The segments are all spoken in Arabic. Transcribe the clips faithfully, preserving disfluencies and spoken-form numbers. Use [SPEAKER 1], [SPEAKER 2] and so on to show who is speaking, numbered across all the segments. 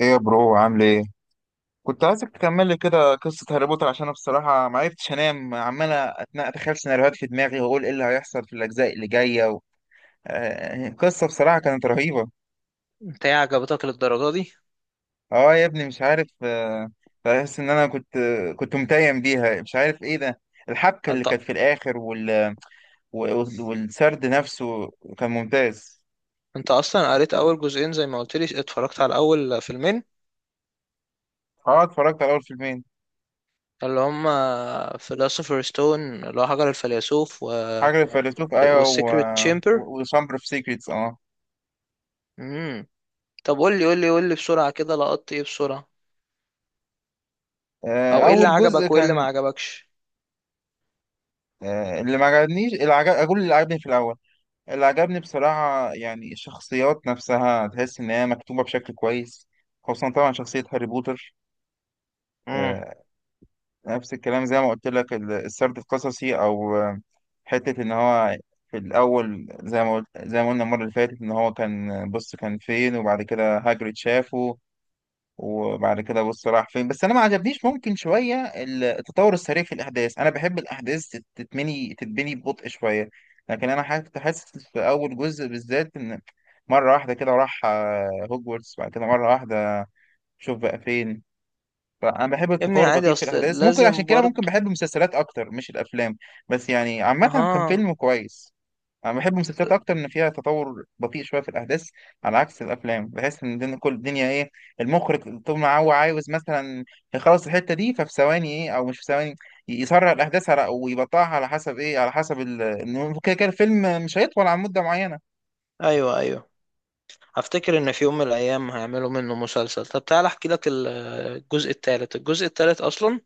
[SPEAKER 1] ايه يا برو عامل ايه؟ كنت عايزك تكمل لي كده قصة هاري بوتر عشان انا بصراحة ما عرفتش انام، عمال أتنا- اتخيل سيناريوهات في دماغي واقول ايه اللي هيحصل في الاجزاء اللي جاية و... آه، قصة بصراحة كانت رهيبة.
[SPEAKER 2] انت ايه عجبتك للدرجة دي؟
[SPEAKER 1] اه يا ابني مش عارف، آه، بحس ان انا كنت كنت متيم بيها، مش عارف ايه ده. الحبكة اللي
[SPEAKER 2] انت
[SPEAKER 1] كانت في الاخر وال... و- والسرد نفسه كان ممتاز.
[SPEAKER 2] انت اصلا قريت اول جزئين زي ما قلت لي، اتفرجت على اول فيلمين
[SPEAKER 1] اه اتفرجت على اول فيلمين.
[SPEAKER 2] اللي هما فيلوسوفر ستون اللي هو حجر الفيلسوف و...
[SPEAKER 1] حاجة الفيلسوف ايوه و...
[SPEAKER 2] والسيكريت تشامبر.
[SPEAKER 1] و... وشامبر اوف سيكريتس اه.
[SPEAKER 2] امم طب قول لي، قول لي، قول لي بسرعة كده، لقطت ايه بسرعة؟
[SPEAKER 1] آه،
[SPEAKER 2] او ايه اللي
[SPEAKER 1] اول جزء
[SPEAKER 2] عجبك وايه اللي ما
[SPEAKER 1] كان،
[SPEAKER 2] عجبكش؟
[SPEAKER 1] آه، اللي ما عجبنيش، اللي عجب... اقول اللي عجبني في الاول. اللي عجبني بصراحه يعني الشخصيات نفسها، تحس ان هي مكتوبه بشكل كويس، خصوصا طبعا شخصيه هاري بوتر.
[SPEAKER 2] امم
[SPEAKER 1] آه، نفس الكلام زي ما قلت لك، ال- السرد القصصي او آه، حته ان هو في الاول زي ما قلت... زي ما قلنا المره اللي فاتت، ان هو كان بص كان فين وبعد كده هاجريد شافه وبعد كده بص راح فين. بس انا ما عجبنيش ممكن شويه ال- التطور السريع في الاحداث، انا بحب الاحداث تت- تتبني تتبني ببطء شويه. لكن انا حاسس، كنت حاسس في اول جزء بالذات ان مره واحده كده راح آه، هوجورتس، بعد كده مره واحده شوف بقى فين. فانا بحب
[SPEAKER 2] يا ابني
[SPEAKER 1] التطور
[SPEAKER 2] عادي،
[SPEAKER 1] البطيء في
[SPEAKER 2] اصل
[SPEAKER 1] الاحداث، ممكن عشان
[SPEAKER 2] لازم
[SPEAKER 1] كده ممكن
[SPEAKER 2] برضه.
[SPEAKER 1] بحب المسلسلات اكتر مش الافلام. بس يعني عامه كان
[SPEAKER 2] اها.
[SPEAKER 1] فيلم كويس. انا بحب المسلسلات اكتر ان فيها تطور بطيء شويه في الاحداث، على عكس الافلام. بحس ان الدنيا، كل الدنيا ايه، المخرج طول ما هو عاوز مثلا يخلص الحته دي ففي ثواني ايه او مش في ثواني، ي- يسرع الاحداث على او يبطئها، على حسب ايه، على حسب ال- إنه كده كده الفيلم مش هيطول عن مده معينه.
[SPEAKER 2] ايوه، ايوه، افتكر ان في يوم من الايام هيعملوا منه مسلسل. طب تعالى احكي لك ال- الجزء الثالث. الجزء الثالث اصلا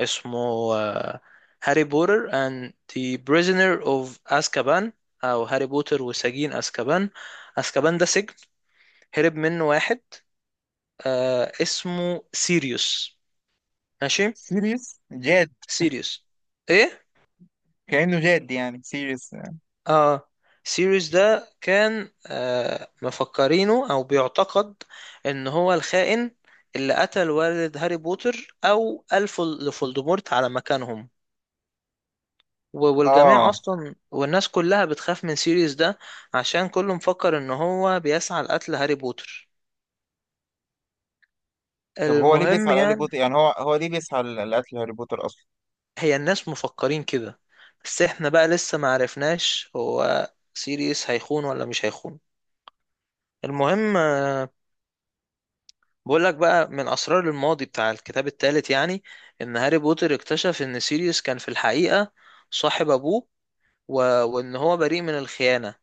[SPEAKER 2] اسمه آه، هاري بوتر and the prisoner of azkaban، او هاري بوتر وسجين azkaban. azkaban ده سجن هرب منه واحد، آه اسمه سيريوس، ماشي.
[SPEAKER 1] سيريس جاد،
[SPEAKER 2] سيريوس. ايه.
[SPEAKER 1] كانه جاد يعني سيريس.
[SPEAKER 2] اه. سيريوس ده كان آه مفكرينه او بيعتقد ان هو الخائن اللي قتل والد هاري بوتر او الف لفولدمورت على مكانهم. و- والجميع
[SPEAKER 1] اه
[SPEAKER 2] اصلا، والناس كلها بتخاف من سيريس ده عشان كله مفكر ان هو بيسعى لقتل هاري بوتر.
[SPEAKER 1] طب هو ليه
[SPEAKER 2] المهم
[SPEAKER 1] بيسعى لهاري
[SPEAKER 2] يعني.
[SPEAKER 1] بوتر؟ يعني هو هو ليه بيسعى ل- لقتل هاري بوتر اصلا؟
[SPEAKER 2] هي الناس مفكرين كده، بس احنا بقى لسه ما عرفناش هو سيريس هيخون ولا مش هيخون. المهم، آه، بقول لك بقى من اسرار الماضي بتاع الكتاب الثالث، يعني ان هاري بوتر اكتشف ان سيريس كان في الحقيقة صاحب ابوه، و... وان هو بريء من الخيانة.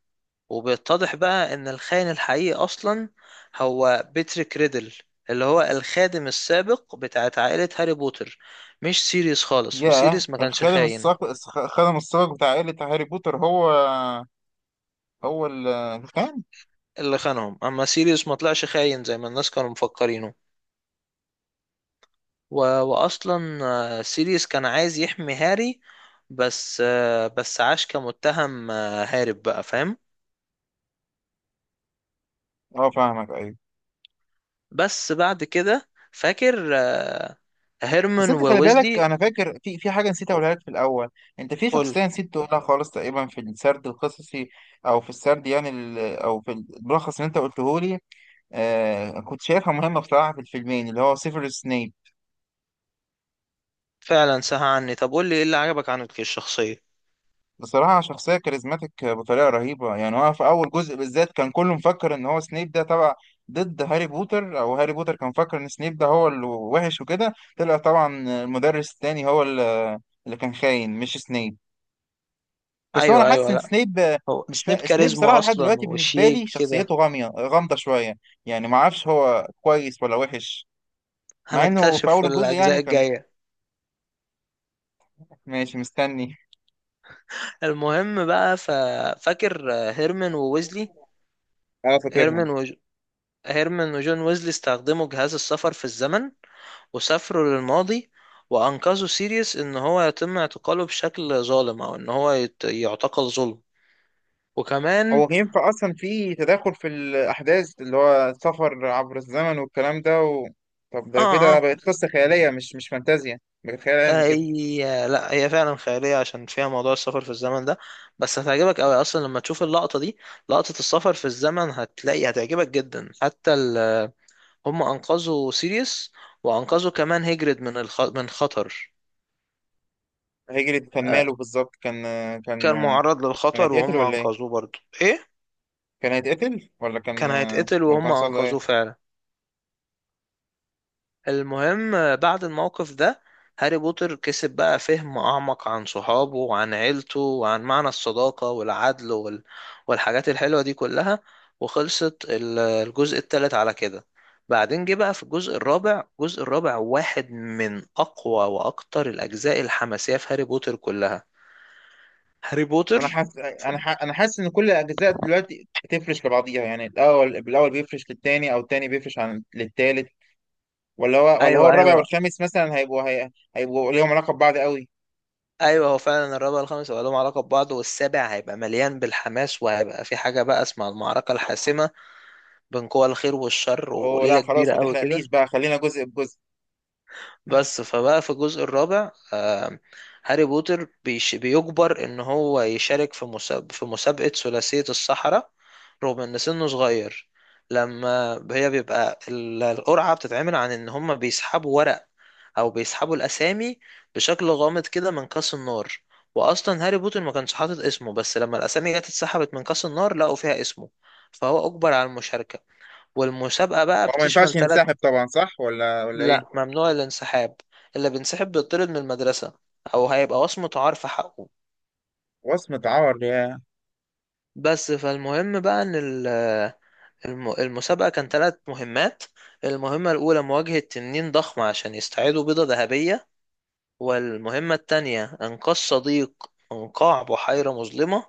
[SPEAKER 2] وبيتضح بقى ان الخاين الحقيقي اصلا هو بيتريك ريدل اللي هو الخادم السابق بتاعت عائلة هاري بوتر، مش سيريوس خالص،
[SPEAKER 1] ياه،
[SPEAKER 2] وسيريوس ما كانش
[SPEAKER 1] الخادم
[SPEAKER 2] خاين.
[SPEAKER 1] الصاق، الخ- الخادم الصاق بتاع عائله هاري بوتر هو هو ال- الخان؟
[SPEAKER 2] اللي خانهم، اما سيريوس ما طلعش خاين زي ما الناس كانوا مفكرينه. و... واصلا آه، سيريوس كان عايز يحمي هاري، بس آه، بس عاش كمتهم، آه، هارب بقى، فاهم.
[SPEAKER 1] اه فاهمك ايوه.
[SPEAKER 2] بس بعد كده فاكر آه،
[SPEAKER 1] بس
[SPEAKER 2] هيرمان
[SPEAKER 1] انت خلي بالك،
[SPEAKER 2] وويزلي.
[SPEAKER 1] انا فاكر في في حاجه نسيت اقولها لك في الاول. انت في
[SPEAKER 2] قول.
[SPEAKER 1] شخصيه نسيت تقولها خالص تقريبا في السرد القصصي او في السرد، يعني ال- او في الملخص اللي انت قلته لي. آه كنت شايفها مهمه بصراحه في الفيلمين، اللي هو سيفيروس سنيب.
[SPEAKER 2] فعلا سهى عني، طب قول لي ايه اللي عجبك عنه الشخصية.
[SPEAKER 1] بصراحه شخصيه كاريزماتيك بطريقه رهيبه. يعني هو في اول جزء بالذات كان كله مفكر ان هو سنيب ده تبع، ضد هاري بوتر، او هاري بوتر كان مفكر ان سنيب ده هو اللي وحش وكده. طلع طبعا المدرس التاني هو اللي اللي كان خاين، مش سنيب. بس هو انا
[SPEAKER 2] ايوه،
[SPEAKER 1] حاسس
[SPEAKER 2] ايوه،
[SPEAKER 1] ان
[SPEAKER 2] لا،
[SPEAKER 1] سنيب آه،
[SPEAKER 2] هو
[SPEAKER 1] مش
[SPEAKER 2] سنيب
[SPEAKER 1] فا... سنيب
[SPEAKER 2] كاريزما
[SPEAKER 1] صراحه لحد
[SPEAKER 2] اصلا
[SPEAKER 1] دلوقتي بالنسبه لي
[SPEAKER 2] وشيك كده.
[SPEAKER 1] شخصيته غاميه غامضه شويه، يعني ما اعرفش هو كويس ولا وحش. مع انه في
[SPEAKER 2] هنكتشف
[SPEAKER 1] اول
[SPEAKER 2] في
[SPEAKER 1] الجزء يعني
[SPEAKER 2] الاجزاء
[SPEAKER 1] كان
[SPEAKER 2] الجاية.
[SPEAKER 1] ماشي، مستني.
[SPEAKER 2] المهم بقى، ف... فاكر هيرمان وويزلي.
[SPEAKER 1] اه فاكرهم.
[SPEAKER 2] هيرمان وج... هيرمان وجون ويزلي استخدموا جهاز السفر في الزمن وسافروا للماضي، وأنقذوا سيريوس إن هو يتم اعتقاله بشكل ظالم، أو إن هو يت- يعتقل ظلم. وكمان
[SPEAKER 1] هو ينفع اصلا في تداخل في الاحداث اللي هو سفر عبر الزمن والكلام ده و...؟ طب ده
[SPEAKER 2] آه
[SPEAKER 1] كده
[SPEAKER 2] آه
[SPEAKER 1] بقت قصه خياليه، مش مش فانتازيا، بقت خيال علمي كده.
[SPEAKER 2] هي، لا، هي فعلا خيالية عشان فيها موضوع السفر في الزمن ده. بس هتعجبك أوي أصلا لما تشوف اللقطة دي. لقطة السفر في الزمن هتلاقي هتعجبك جدا حتى ال... هم أنقذوا سيريس، وأنقذوا كمان هيجرد من الخ... من خطر.
[SPEAKER 1] هيجري كان
[SPEAKER 2] آه،
[SPEAKER 1] ماله بالظبط؟ كان كان
[SPEAKER 2] كان معرض
[SPEAKER 1] كان
[SPEAKER 2] للخطر
[SPEAKER 1] هيتقتل
[SPEAKER 2] وهم
[SPEAKER 1] ولا ايه؟
[SPEAKER 2] أنقذوه، برضه إيه،
[SPEAKER 1] كان هيتقتل ولا كان،
[SPEAKER 2] كان هيتقتل
[SPEAKER 1] ولا كان
[SPEAKER 2] وهم
[SPEAKER 1] حصل له
[SPEAKER 2] أنقذوه
[SPEAKER 1] ايه؟
[SPEAKER 2] فعلا. المهم، آه، بعد الموقف ده هاري بوتر كسب بقى فهم أعمق عن صحابه وعن عيلته وعن معنى الصداقة والعدل وال... والحاجات الحلوة دي كلها. وخلصت ال- الجزء التالت على كده. بعدين جه بقى في الجزء الرابع. الجزء الرابع واحد من أقوى وأكتر الأجزاء الحماسية في هاري بوتر كلها. هاري بوتر.
[SPEAKER 1] انا حاسس انا ح... انا حاسس ان كل الاجزاء دلوقتي بتفرش لبعضيها، يعني الاول بالاول بيفرش للتاني، او التاني بيفرش عن للتالت. ولا هو ولا هو
[SPEAKER 2] ايوه،
[SPEAKER 1] الرابع
[SPEAKER 2] ايوه،
[SPEAKER 1] والخامس مثلا هيبقوا هي... هيبقوا ليهم علاقه ببعض قوي؟
[SPEAKER 2] ايوه، هو فعلا الرابع والخامس هيبقى لهم علاقه ببعض، والسابع هيبقى مليان بالحماس، وهيبقى في حاجه بقى اسمها المعركه الحاسمه بين قوى الخير والشر،
[SPEAKER 1] اوه
[SPEAKER 2] وليلة
[SPEAKER 1] لا خلاص،
[SPEAKER 2] كبيرة
[SPEAKER 1] ما
[SPEAKER 2] قوي
[SPEAKER 1] تحرقليش
[SPEAKER 2] كده.
[SPEAKER 1] بقى، خلينا جزء بجزء.
[SPEAKER 2] بس فبقى في الجزء الرابع، آه، هاري بوتر بيش بيجبر ان هو يشارك في مساب في مسابقة ثلاثية السحرة رغم ان سنه صغير. لما هي بيبقى ال- القرعة بتتعمل، عن ان هم بيسحبوا ورق او بيسحبوا الاسامي بشكل غامض كده من كاس النار. واصلا هاري بوتر ما كانش حاطط اسمه، بس لما الاسامي جت اتسحبت من كاس النار لقوا فيها اسمه، فهو اجبر على المشاركة. والمسابقة بقى
[SPEAKER 1] هو ما
[SPEAKER 2] بتشمل
[SPEAKER 1] ينفعش
[SPEAKER 2] ثلاث.
[SPEAKER 1] ينسحب طبعا، صح ولا ولا
[SPEAKER 2] لا،
[SPEAKER 1] ايه؟
[SPEAKER 2] ممنوع الانسحاب، اللي بينسحب بيطرد من المدرسة او هيبقى وصمة عار في حقه.
[SPEAKER 1] وصمة عار يا...
[SPEAKER 2] بس فالمهم بقى ان ال- الم- المسابقة كان ثلاث مهمات. المهمة الاولى مواجهة تنين ضخمة عشان يستعيدوا بيضة ذهبية. والمهمة التانية انقاذ صديق من قاع بحيرة مظلمة.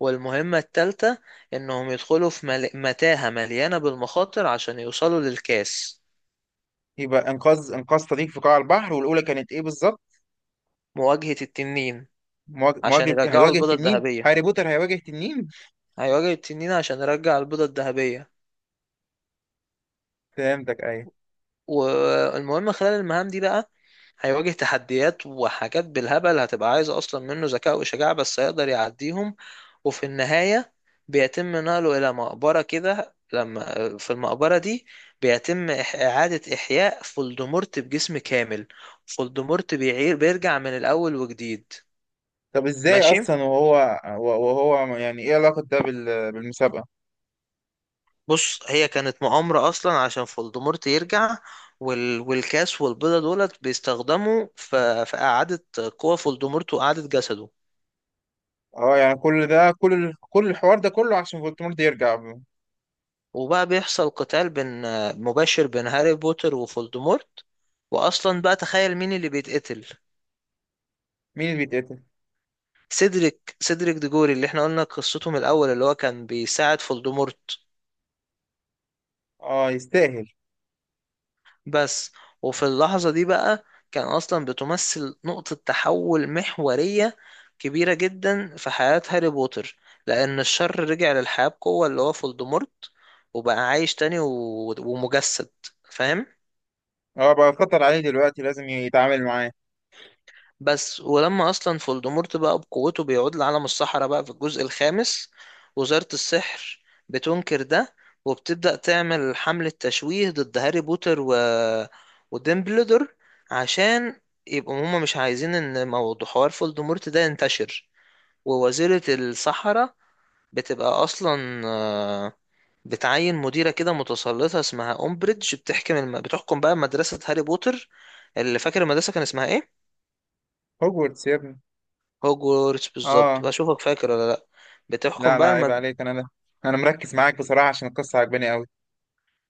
[SPEAKER 2] والمهمة التالتة انهم يدخلوا في مل... متاهة مليانة بالمخاطر عشان يوصلوا للكاس.
[SPEAKER 1] يبقى انقاذ انقاذ صديق في قاع البحر، والاولى كانت ايه بالظبط؟
[SPEAKER 2] مواجهة التنين
[SPEAKER 1] مواج-
[SPEAKER 2] عشان
[SPEAKER 1] مواجهه،
[SPEAKER 2] يرجعوا
[SPEAKER 1] هيواجه
[SPEAKER 2] البيضة
[SPEAKER 1] تنين،
[SPEAKER 2] الذهبية.
[SPEAKER 1] هاري بوتر هيواجه تنين.
[SPEAKER 2] هيواجه التنين عشان يرجع البيضة الذهبية.
[SPEAKER 1] فهمتك ايوه.
[SPEAKER 2] والمهم خلال المهام دي بقى هيواجه تحديات وحاجات بالهبل هتبقى عايزة أصلا منه ذكاء وشجاعة، بس هيقدر يعديهم. وفي النهاية بيتم نقله إلى مقبرة كده، لما في المقبرة دي بيتم إح- إعادة إحياء فولدمورت بجسم كامل. فولدمورت بيعير بيرجع من الأول وجديد.
[SPEAKER 1] طب ازاي
[SPEAKER 2] ماشي.
[SPEAKER 1] اصلا؟ وهو، وهو يعني ايه علاقة ده بال- بالمسابقة؟
[SPEAKER 2] بص، هي كانت مؤامرة أصلا عشان فولدمورت يرجع. وال... والكاس والبيضة دولت بيستخدموا في, في إعادة قوة فولدمورت وإعادة جسده.
[SPEAKER 1] اه يعني كل ده، كل ال- كل الحوار ده كله عشان فولتمورت يرجع؟
[SPEAKER 2] وبقى بيحصل قتال بين، مباشر بين هاري بوتر وفولدمورت. وأصلا بقى تخيل مين اللي بيتقتل.
[SPEAKER 1] مين اللي بيتقتل؟
[SPEAKER 2] سيدريك سيدريك ديجوري اللي احنا قلنا قصته من الأول، اللي هو كان بيساعد فولدمورت،
[SPEAKER 1] اه يستاهل.
[SPEAKER 2] بس. وفي اللحظة دي بقى كان أصلا بتمثل نقطة تحول محورية كبيرة جدا في حياة هاري بوتر، لأن الشر رجع للحياة بقوة اللي هو فولدمورت، وبقى عايش تاني و... ومجسد، فاهم؟
[SPEAKER 1] اه بقى خطر عليه دلوقتي، لازم يتعامل معاه.
[SPEAKER 2] بس ولما اصلا فولدمورت بقى بقوته بيعود لعالم السحرة، بقى في الجزء الخامس وزارة السحر بتنكر ده، وبتبدأ تعمل حملة تشويه ضد هاري بوتر و... وديمبلدور، عشان يبقوا هما مش عايزين ان موضوع حوار فولدمورت ده ينتشر. ووزيرة السحرة بتبقى اصلا آه، بتعين مديرة كده متسلطة اسمها أمبريدج، بتحكم الم... بتحكم بقى مدرسة هاري بوتر. اللي فاكر المدرسة كان اسمها ايه؟
[SPEAKER 1] هوجورتس يا ابني.
[SPEAKER 2] هوجورتس بالظبط،
[SPEAKER 1] اه.
[SPEAKER 2] بشوفك فاكر ولا لا. بتحكم
[SPEAKER 1] لا لا
[SPEAKER 2] بقى
[SPEAKER 1] عيب
[SPEAKER 2] لما
[SPEAKER 1] عليك، انا ده انا مركز معاك بصراحة عشان القصة عجباني قوي.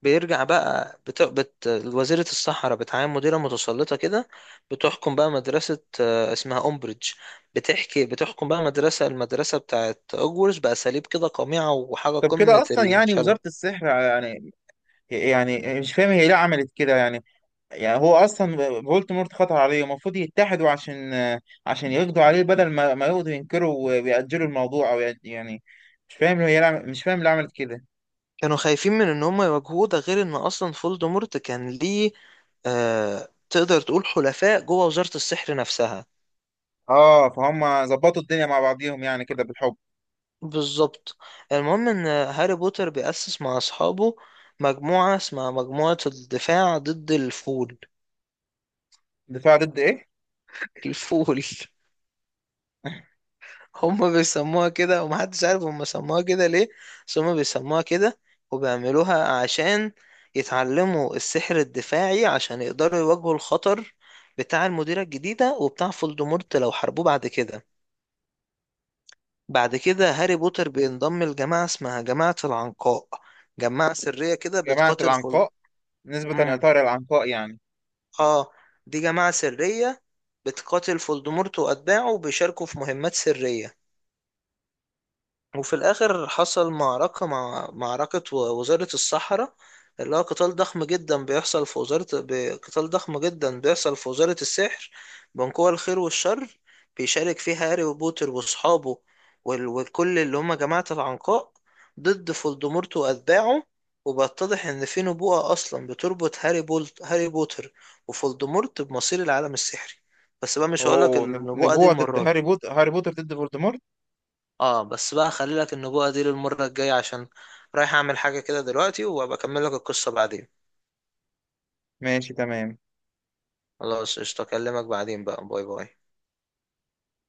[SPEAKER 2] بيرجع بقى بت... بت... وزيرة الصحراء بتعين مديرة متسلطة كده، بتحكم بقى مدرسة آه، اسمها أمبريدج. بتحكي بتحكم بقى مدرسة المدرسة بتاعت هوجورتس بأساليب كده قميعة وحاجة
[SPEAKER 1] طب كده
[SPEAKER 2] قمة
[SPEAKER 1] اصلا يعني
[SPEAKER 2] الشلل.
[SPEAKER 1] وزارة السحر يعني، يعني مش فاهم هي ليه عملت كده يعني، يعني هو اصلا فولتمورت خطر عليه، المفروض يتحدوا عشان عشان يقضوا عليه، بدل ما ما يقضوا ينكروا ويأجلوا الموضوع او يأج- يعني مش فاهم، هي لعم- مش فاهم اللي عملت كده.
[SPEAKER 2] كانوا خايفين من ان هم يواجهوه، ده غير ان اصلا فولدمورت كان ليه، آه... تقدر تقول حلفاء جوه وزارة السحر نفسها.
[SPEAKER 1] اه فهم ظبطوا الدنيا مع بعضيهم يعني كده بالحب.
[SPEAKER 2] بالظبط. المهم ان هاري بوتر بيأسس مع اصحابه مجموعة اسمها مجموعة الدفاع ضد الفول.
[SPEAKER 1] دفاع ضد ايه؟
[SPEAKER 2] الفول هم بيسموها كده ومحدش عارف هم سموها كده ليه، بس هم بيسموها كده. وبيعملوها عشان يتعلموا السحر الدفاعي عشان يقدروا يواجهوا الخطر بتاع المديرة الجديدة وبتاع فولدمورت لو حاربوه بعد كده. بعد كده هاري بوتر بينضم لجماعة اسمها جماعة العنقاء، جماعة سرية كده
[SPEAKER 1] جماعة
[SPEAKER 2] بتقاتل فول.
[SPEAKER 1] العنقاء، نسبة لإطار العنقاء يعني؟
[SPEAKER 2] اه. دي جماعة سرية بتقاتل فولدمورت وأتباعه، وبيشاركوا في مهمات سرية. وفي الآخر حصل معركة مع معركة و- وزارة الصحراء، اللي هو قتال ضخم جدا بيحصل في وزارة ب- قتال ضخم جدا بيحصل في وزارة السحر بين قوى الخير والشر، بيشارك فيها هاري وبوتر وأصحابه وال- وكل اللي هما جماعة العنقاء ضد فولدمورت وأتباعه. وبيتضح إن في نبوءة أصلا بتربط هاري بولت هاري بوتر وفولدمورت بمصير العالم السحري. بس بقى مش هقولك
[SPEAKER 1] اوه، نب-
[SPEAKER 2] النبوءة دي
[SPEAKER 1] نبوة ضد
[SPEAKER 2] المرة دي.
[SPEAKER 1] هاري بوتر، هاري بوتر ضد فولدمورت.
[SPEAKER 2] اه، بس بقى خلي لك النبوة دي للمرة الجاية عشان رايح اعمل حاجة كده دلوقتي، وابقى اكمل لك القصة بعدين.
[SPEAKER 1] ماشي تمام.
[SPEAKER 2] خلاص قشطة، اكلمك بعدين بقى، باي باي.